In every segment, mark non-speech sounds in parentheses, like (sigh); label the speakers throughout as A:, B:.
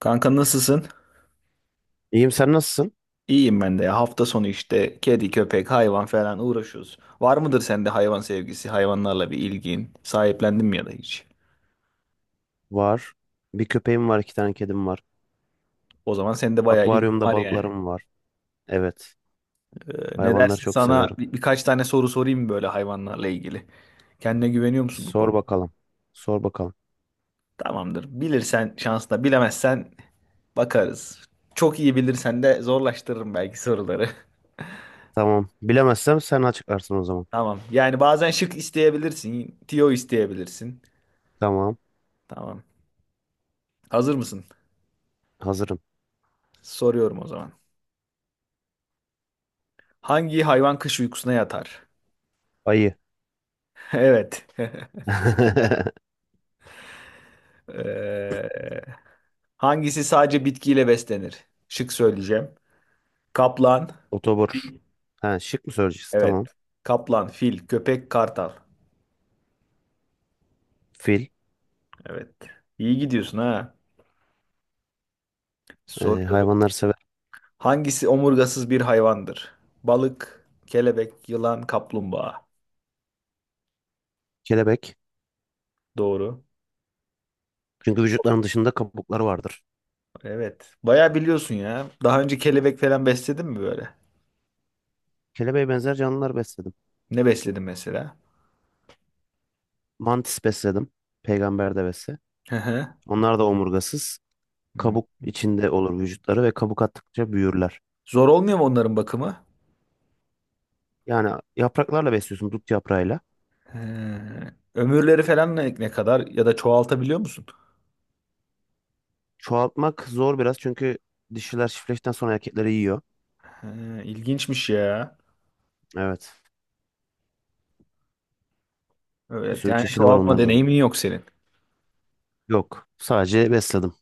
A: Kanka nasılsın?
B: İyiyim sen nasılsın?
A: İyiyim ben de ya. Hafta sonu işte kedi, köpek, hayvan falan uğraşıyoruz. Var mıdır sende hayvan sevgisi, hayvanlarla bir ilgin? Sahiplendin mi ya da hiç?
B: Var. Bir köpeğim var, iki tane kedim var.
A: O zaman sende bayağı ilgin
B: Akvaryumda
A: var yani.
B: balıklarım var. Evet.
A: Ne
B: Hayvanları
A: dersin
B: çok
A: sana
B: severim.
A: birkaç tane soru sorayım böyle hayvanlarla ilgili. Kendine güveniyor musun bu
B: Sor
A: konuda?
B: bakalım. Sor bakalım.
A: Tamamdır. Bilirsen şansla, bilemezsen bakarız. Çok iyi bilirsen de zorlaştırırım belki soruları. (laughs)
B: Tamam. Bilemezsem sen açıklarsın o zaman.
A: Tamam. Yani bazen şık isteyebilirsin, tiyo isteyebilirsin.
B: Tamam.
A: Tamam. Hazır mısın?
B: Hazırım.
A: Soruyorum o zaman. Hangi hayvan kış uykusuna yatar?
B: Ayı.
A: (laughs) Evet. (laughs)
B: (laughs)
A: Ee, hangisi sadece bitkiyle beslenir? Şık söyleyeceğim. Kaplan.
B: Otobur. Ha, şık mı söyleyeceksin?
A: Evet.
B: Tamam.
A: Kaplan, fil, köpek, kartal.
B: Fil.
A: Evet. İyi gidiyorsun ha. Soruyorum.
B: Hayvanları sever.
A: Hangisi omurgasız bir hayvandır? Balık, kelebek, yılan, kaplumbağa.
B: Kelebek.
A: Doğru.
B: Çünkü vücutlarının dışında kabukları vardır.
A: Evet. Bayağı biliyorsun ya. Daha önce kelebek falan besledin mi böyle?
B: Kelebeğe benzer canlılar besledim.
A: Ne besledin mesela?
B: Mantis besledim. Peygamber devesi.
A: Hı hı.
B: Onlar da omurgasız.
A: Hı.
B: Kabuk içinde olur vücutları ve kabuk attıkça büyürler.
A: Zor olmuyor mu onların bakımı?
B: Yani yapraklarla besliyorsun, dut yaprağıyla.
A: He. Ömürleri falan ne, ne kadar ya da çoğaltabiliyor musun?
B: Çoğaltmak zor biraz çünkü dişiler çiftleştikten sonra erkekleri yiyor.
A: He, ilginçmiş ya.
B: Evet. Bir
A: Evet,
B: sürü
A: yani
B: çeşidi var
A: çoğaltma
B: onların da.
A: deneyimin yok senin.
B: Yok. Sadece besledim.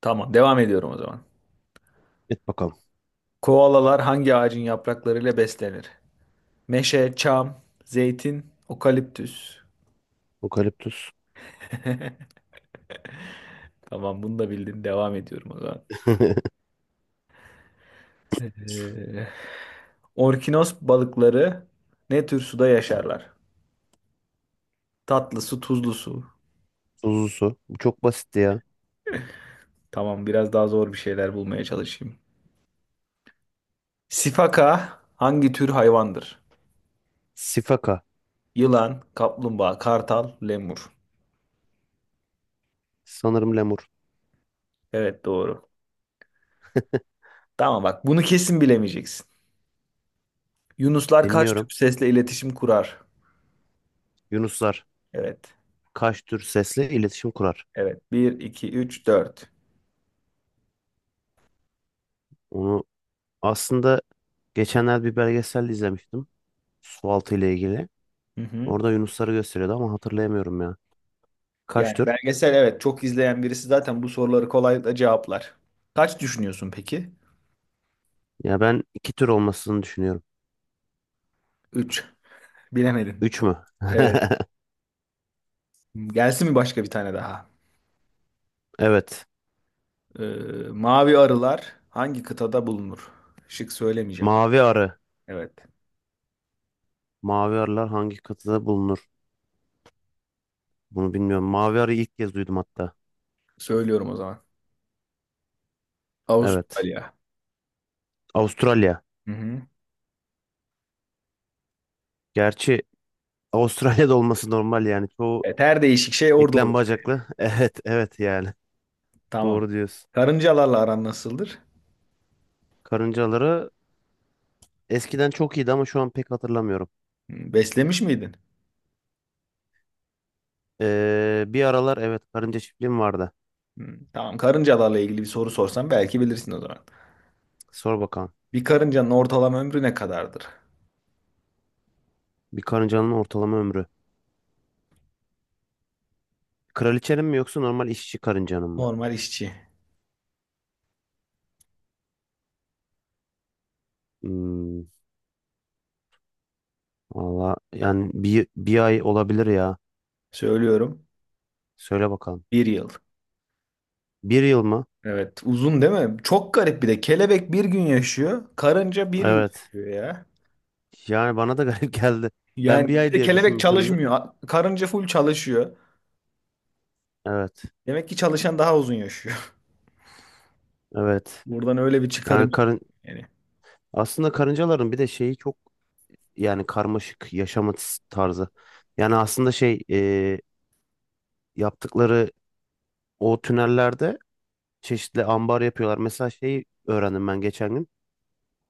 A: Tamam, devam ediyorum o zaman.
B: Et bakalım.
A: Koalalar hangi ağacın yapraklarıyla beslenir? Meşe, çam, zeytin, okaliptüs.
B: Okaliptüs.
A: (laughs) Tamam, bunu da bildin. Devam ediyorum o zaman.
B: (laughs)
A: Ee, orkinos balıkları ne tür suda yaşarlar? Tatlı su, tuzlu su.
B: Tuzlu su. Bu çok basitti ya.
A: Tamam, biraz daha zor bir şeyler bulmaya çalışayım. Sifaka hangi tür hayvandır?
B: Sifaka.
A: Yılan, kaplumbağa, kartal, lemur.
B: Sanırım lemur.
A: Evet doğru. Tamam bak bunu kesin bilemeyeceksin. Yunuslar kaç tür
B: Dinliyorum.
A: sesle iletişim kurar?
B: Yunuslar.
A: Evet.
B: Kaç tür sesle iletişim kurar?
A: Evet. Bir, 2, 3, 4.
B: Onu aslında geçenlerde bir belgesel izlemiştim. Sualtı ile ilgili.
A: Hı hı.
B: Orada yunusları gösteriyordu ama hatırlayamıyorum ya. Kaç
A: Yani
B: tür?
A: belgesel evet çok izleyen birisi zaten bu soruları kolaylıkla cevaplar. Kaç düşünüyorsun peki?
B: Ya ben iki tür olmasını düşünüyorum.
A: 3. Bilemedin.
B: Üç mü?
A: Evet.
B: (laughs)
A: Gelsin mi başka bir tane daha?
B: Evet.
A: Ee, mavi arılar hangi kıtada bulunur? Şık söylemeyeceğim.
B: Mavi arı.
A: Evet.
B: Mavi arılar hangi kıtada bulunur? Bunu bilmiyorum. Mavi arıyı ilk kez duydum hatta.
A: Söylüyorum o zaman.
B: Evet.
A: Avustralya.
B: Avustralya.
A: Hı hı.
B: Gerçi Avustralya'da olması normal yani. Çoğu
A: Evet, her değişik şey orada
B: eklem
A: oluyor.
B: bacaklı. (laughs) Evet, evet yani.
A: Tamam.
B: Doğru diyorsun.
A: Karıncalarla aran nasıldır?
B: Karıncaları eskiden çok iyiydi ama şu an pek hatırlamıyorum.
A: Hı, beslemiş miydin?
B: Bir aralar evet karınca çiftliğim vardı.
A: Hı, tamam. Karıncalarla ilgili bir soru sorsam belki bilirsin o zaman.
B: Sor bakalım.
A: Bir karıncanın ortalama ömrü ne kadardır?
B: Bir karıncanın ortalama ömrü. Kraliçenin mi yoksa normal işçi karıncanın mı?
A: Normal işçi.
B: Hmm, Valla yani bir ay olabilir ya.
A: Söylüyorum.
B: Söyle bakalım.
A: Bir yıl.
B: Bir yıl mı?
A: Evet. Uzun değil mi? Çok garip bir de. Kelebek bir gün yaşıyor. Karınca bir yıl
B: Evet.
A: yaşıyor ya.
B: Yani bana da (laughs) garip geldi. Ben bir
A: Yani bir
B: ay
A: de
B: diye
A: kelebek
B: düşünmüşümdü.
A: çalışmıyor. Karınca full çalışıyor.
B: Evet.
A: Demek ki çalışan daha uzun yaşıyor. (laughs)
B: Evet.
A: Buradan öyle bir çıkarım.
B: Yani
A: yapıyorum.
B: karın
A: Yani
B: Aslında karıncaların bir de şeyi çok, yani karmaşık yaşama tarzı. Yani aslında yaptıkları o tünellerde çeşitli ambar yapıyorlar. Mesela şeyi öğrendim ben geçen gün.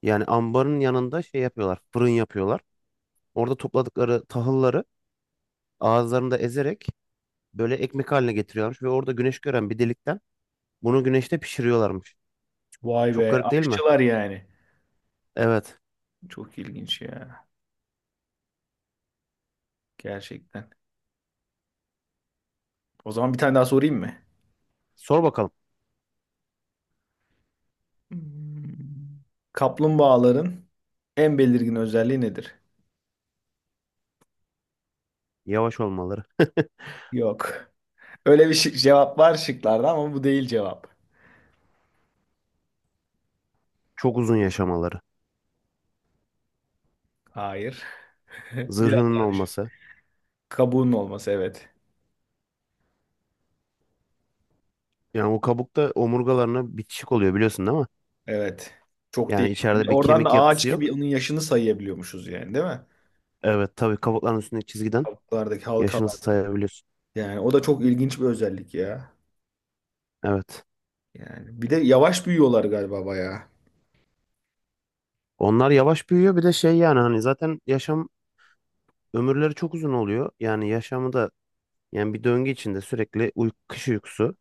B: Yani ambarın yanında şey yapıyorlar. Fırın yapıyorlar. Orada topladıkları tahılları ağızlarında ezerek böyle ekmek haline getiriyorlarmış ve orada güneş gören bir delikten bunu güneşte pişiriyorlarmış.
A: vay
B: Çok
A: be,
B: garip değil mi?
A: aşçılar yani.
B: Evet.
A: Çok ilginç ya. Gerçekten. O zaman bir tane daha sorayım mı?
B: Sor bakalım.
A: Hmm. Kaplumbağaların en belirgin özelliği nedir?
B: Yavaş olmaları, (laughs)
A: Yok. Öyle bir şık cevap var şıklarda ama bu değil cevap.
B: çok uzun yaşamaları,
A: Hayır. (laughs) Biraz
B: zırhının
A: daha düşün.
B: olması.
A: Kabuğunun olması evet.
B: Yani o kabukta omurgalarına bitişik oluyor, biliyorsun değil mi?
A: Evet. Çok
B: Yani
A: değişik. Bir
B: içeride
A: de
B: bir
A: oradan da
B: kemik yapısı
A: ağaç
B: yok.
A: gibi onun yaşını sayabiliyormuşuz yani değil mi?
B: Evet, tabii kabukların üstündeki çizgiden
A: Kabuklardaki
B: yaşını
A: halkalar.
B: sayabiliyorsun.
A: Yani o da çok ilginç bir özellik ya.
B: Evet.
A: Yani bir de yavaş büyüyorlar galiba bayağı.
B: Onlar yavaş büyüyor, bir de şey yani hani zaten yaşam ömürleri çok uzun oluyor. Yani yaşamı da, yani bir döngü içinde sürekli kış uykusu,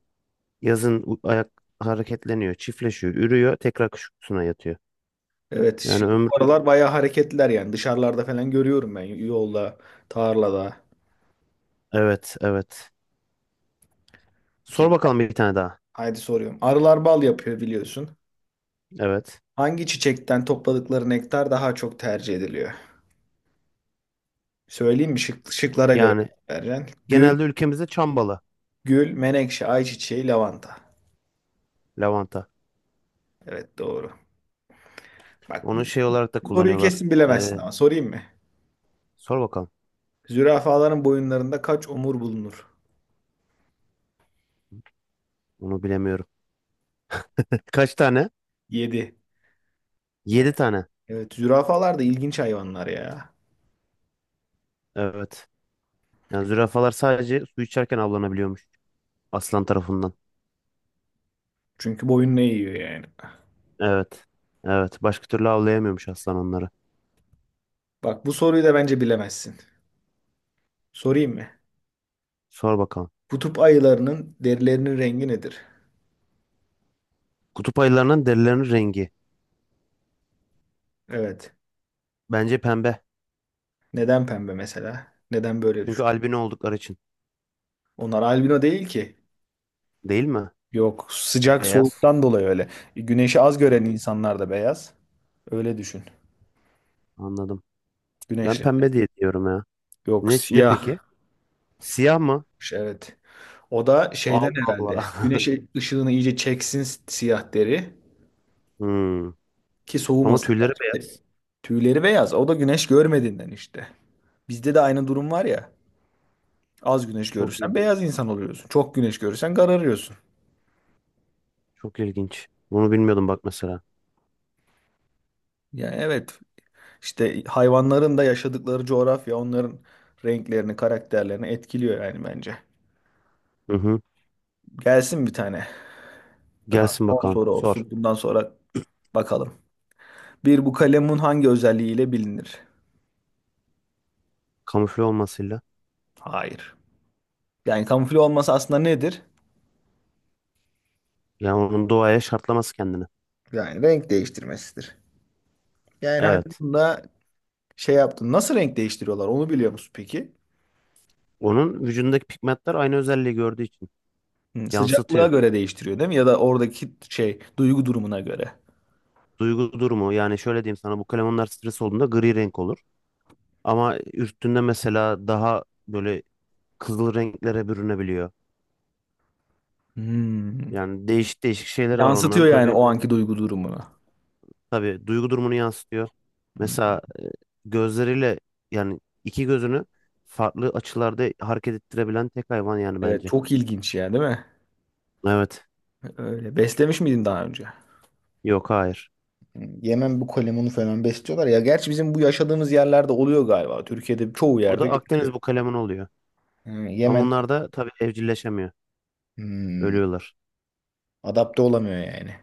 B: yazın ayak hareketleniyor, çiftleşiyor, ürüyor, tekrar kış uykusuna yatıyor.
A: Evet,
B: Yani
A: şimdi bu
B: ömrü,
A: aralar bayağı hareketliler yani. Dışarılarda falan görüyorum ben yolda, tarlada.
B: evet evet. Sor
A: Ki
B: bakalım bir tane daha.
A: haydi soruyorum. Arılar bal yapıyor biliyorsun.
B: Evet.
A: Hangi çiçekten topladıkları nektar daha çok tercih ediliyor? Söyleyeyim mi? Şık, şıklara göre
B: Yani
A: vereceksin. Gül,
B: genelde ülkemizde çambalı,
A: gül, menekşe, ayçiçeği, lavanta.
B: lavanta.
A: Evet doğru. Bak bu
B: Onu şey olarak da
A: soruyu
B: kullanıyorlar.
A: kesin bilemezsin
B: Ee,
A: ama sorayım mı?
B: Sor bakalım.
A: Zürafaların boyunlarında kaç omur bulunur?
B: Onu bilemiyorum. (laughs) Kaç tane?
A: 7. Yani,
B: Yedi tane.
A: evet zürafalar da ilginç hayvanlar ya.
B: Evet. Yani zürafalar sadece su içerken avlanabiliyormuş aslan tarafından.
A: Çünkü boyun ne yiyor yani?
B: Evet. Evet. Başka türlü avlayamıyormuş aslan onları.
A: Bak bu soruyu da bence bilemezsin. Sorayım mı?
B: Sor bakalım.
A: Kutup ayılarının derilerinin rengi nedir?
B: Kutup ayılarının derilerinin rengi.
A: Evet.
B: Bence pembe.
A: Neden pembe mesela? Neden böyle
B: Çünkü
A: düşün?
B: albino oldukları için.
A: Onlar albino değil ki.
B: Değil mi?
A: Yok, sıcak
B: Beyaz.
A: soğuktan dolayı öyle. Güneşi az gören
B: Hmm,
A: insanlar da beyaz. Öyle düşün.
B: Anladım. Ben
A: Güneşli.
B: pembe diye diyorum ya.
A: Yok,
B: Ne, ne
A: siyah.
B: peki? Siyah mı?
A: Evet. O da şeyden
B: Allah Allah.
A: herhalde. Güneş
B: (laughs)
A: ışığını iyice çeksin siyah deri
B: Hmm.
A: ki
B: Ama
A: soğumasın.
B: tüyleri
A: Gerçekten.
B: beyaz.
A: Tüyleri beyaz. O da güneş görmediğinden işte. Bizde de aynı durum var ya. Az güneş
B: Çok
A: görürsen
B: ilginç.
A: beyaz insan oluyorsun. Çok güneş görürsen kararıyorsun.
B: Çok ilginç. Bunu bilmiyordum bak mesela.
A: Yani evet işte hayvanların da yaşadıkları coğrafya onların renklerini, karakterlerini etkiliyor yani bence.
B: Hı hı.
A: Gelsin bir tane daha,
B: Gelsin
A: son
B: bakalım.
A: soru
B: Sor.
A: olsun. Bundan sonra bakalım. Bir bu kalemun hangi özelliğiyle bilinir?
B: Kamufle olmasıyla.
A: Hayır. Yani kamufle olması aslında nedir?
B: Yani onun doğaya şartlaması kendini.
A: Yani renk değiştirmesidir. Yani hani
B: Evet.
A: bunda şey yaptın. Nasıl renk değiştiriyorlar onu biliyor musun peki?
B: Onun vücudundaki pigmentler aynı özelliği gördüğü için
A: Hı, sıcaklığa
B: yansıtıyor.
A: göre değiştiriyor değil mi? Ya da oradaki şey duygu durumuna göre.
B: Duygu durumu, yani şöyle diyeyim sana, bu kalemunlar stres olduğunda gri renk olur. Ama üstünde mesela daha böyle kızıl renklere bürünebiliyor.
A: Hmm.
B: Yani değişik değişik şeyleri var onların.
A: Yansıtıyor yani
B: Tabii
A: o anki duygu durumunu.
B: tabii duygu durumunu yansıtıyor.
A: Hmm.
B: Mesela gözleriyle, yani iki gözünü farklı açılarda hareket ettirebilen tek hayvan yani
A: Evet
B: bence.
A: çok ilginç ya değil mi?
B: Evet.
A: Öyle. Beslemiş miydin daha önce?
B: Yok, hayır.
A: Yemen bu kalemunu falan besliyorlar ya. Gerçi bizim bu yaşadığımız yerlerde oluyor galiba. Türkiye'de çoğu yerde
B: Burada Akdeniz
A: görülüyor.
B: bu kalemin oluyor.
A: Hı,
B: Ama
A: Yemen.
B: onlar da tabii evcilleşemiyor.
A: Hmm,
B: Ölüyorlar.
A: adapte olamıyor yani.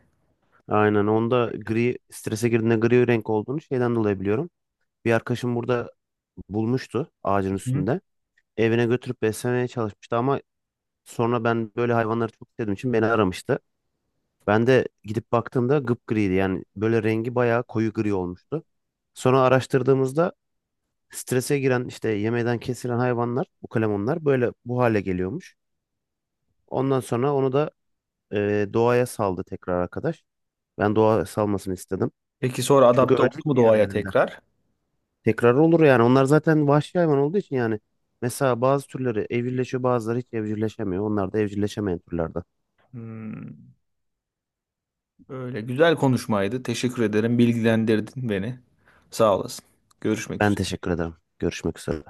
B: Aynen, onda gri, strese girdiğinde gri renk olduğunu şeyden dolayı biliyorum. Bir arkadaşım burada bulmuştu ağacın
A: Hı.
B: üstünde. Evine götürüp beslemeye çalışmıştı ama sonra ben böyle hayvanları çok sevdiğim için beni aramıştı. Ben de gidip baktığımda gıpgriydi, yani böyle rengi bayağı koyu gri olmuştu. Sonra araştırdığımızda strese giren işte yemeden kesilen hayvanlar, ukalemonlar böyle bu hale geliyormuş. Ondan sonra onu da doğaya saldı tekrar arkadaş. Ben doğa salmasını istedim.
A: Peki sonra
B: Çünkü
A: adapte oldu mu
B: ölecekti yani
A: doğaya
B: elinde.
A: tekrar?
B: Tekrar olur yani. Onlar zaten vahşi hayvan olduğu için yani. Mesela bazı türleri evcilleşiyor, bazıları hiç evcilleşemiyor. Onlar da evcilleşemeyen türlerden.
A: Hmm. Öyle güzel konuşmaydı. Teşekkür ederim. Bilgilendirdin beni. Sağ olasın. Görüşmek
B: Ben
A: üzere.
B: teşekkür ederim. Görüşmek üzere.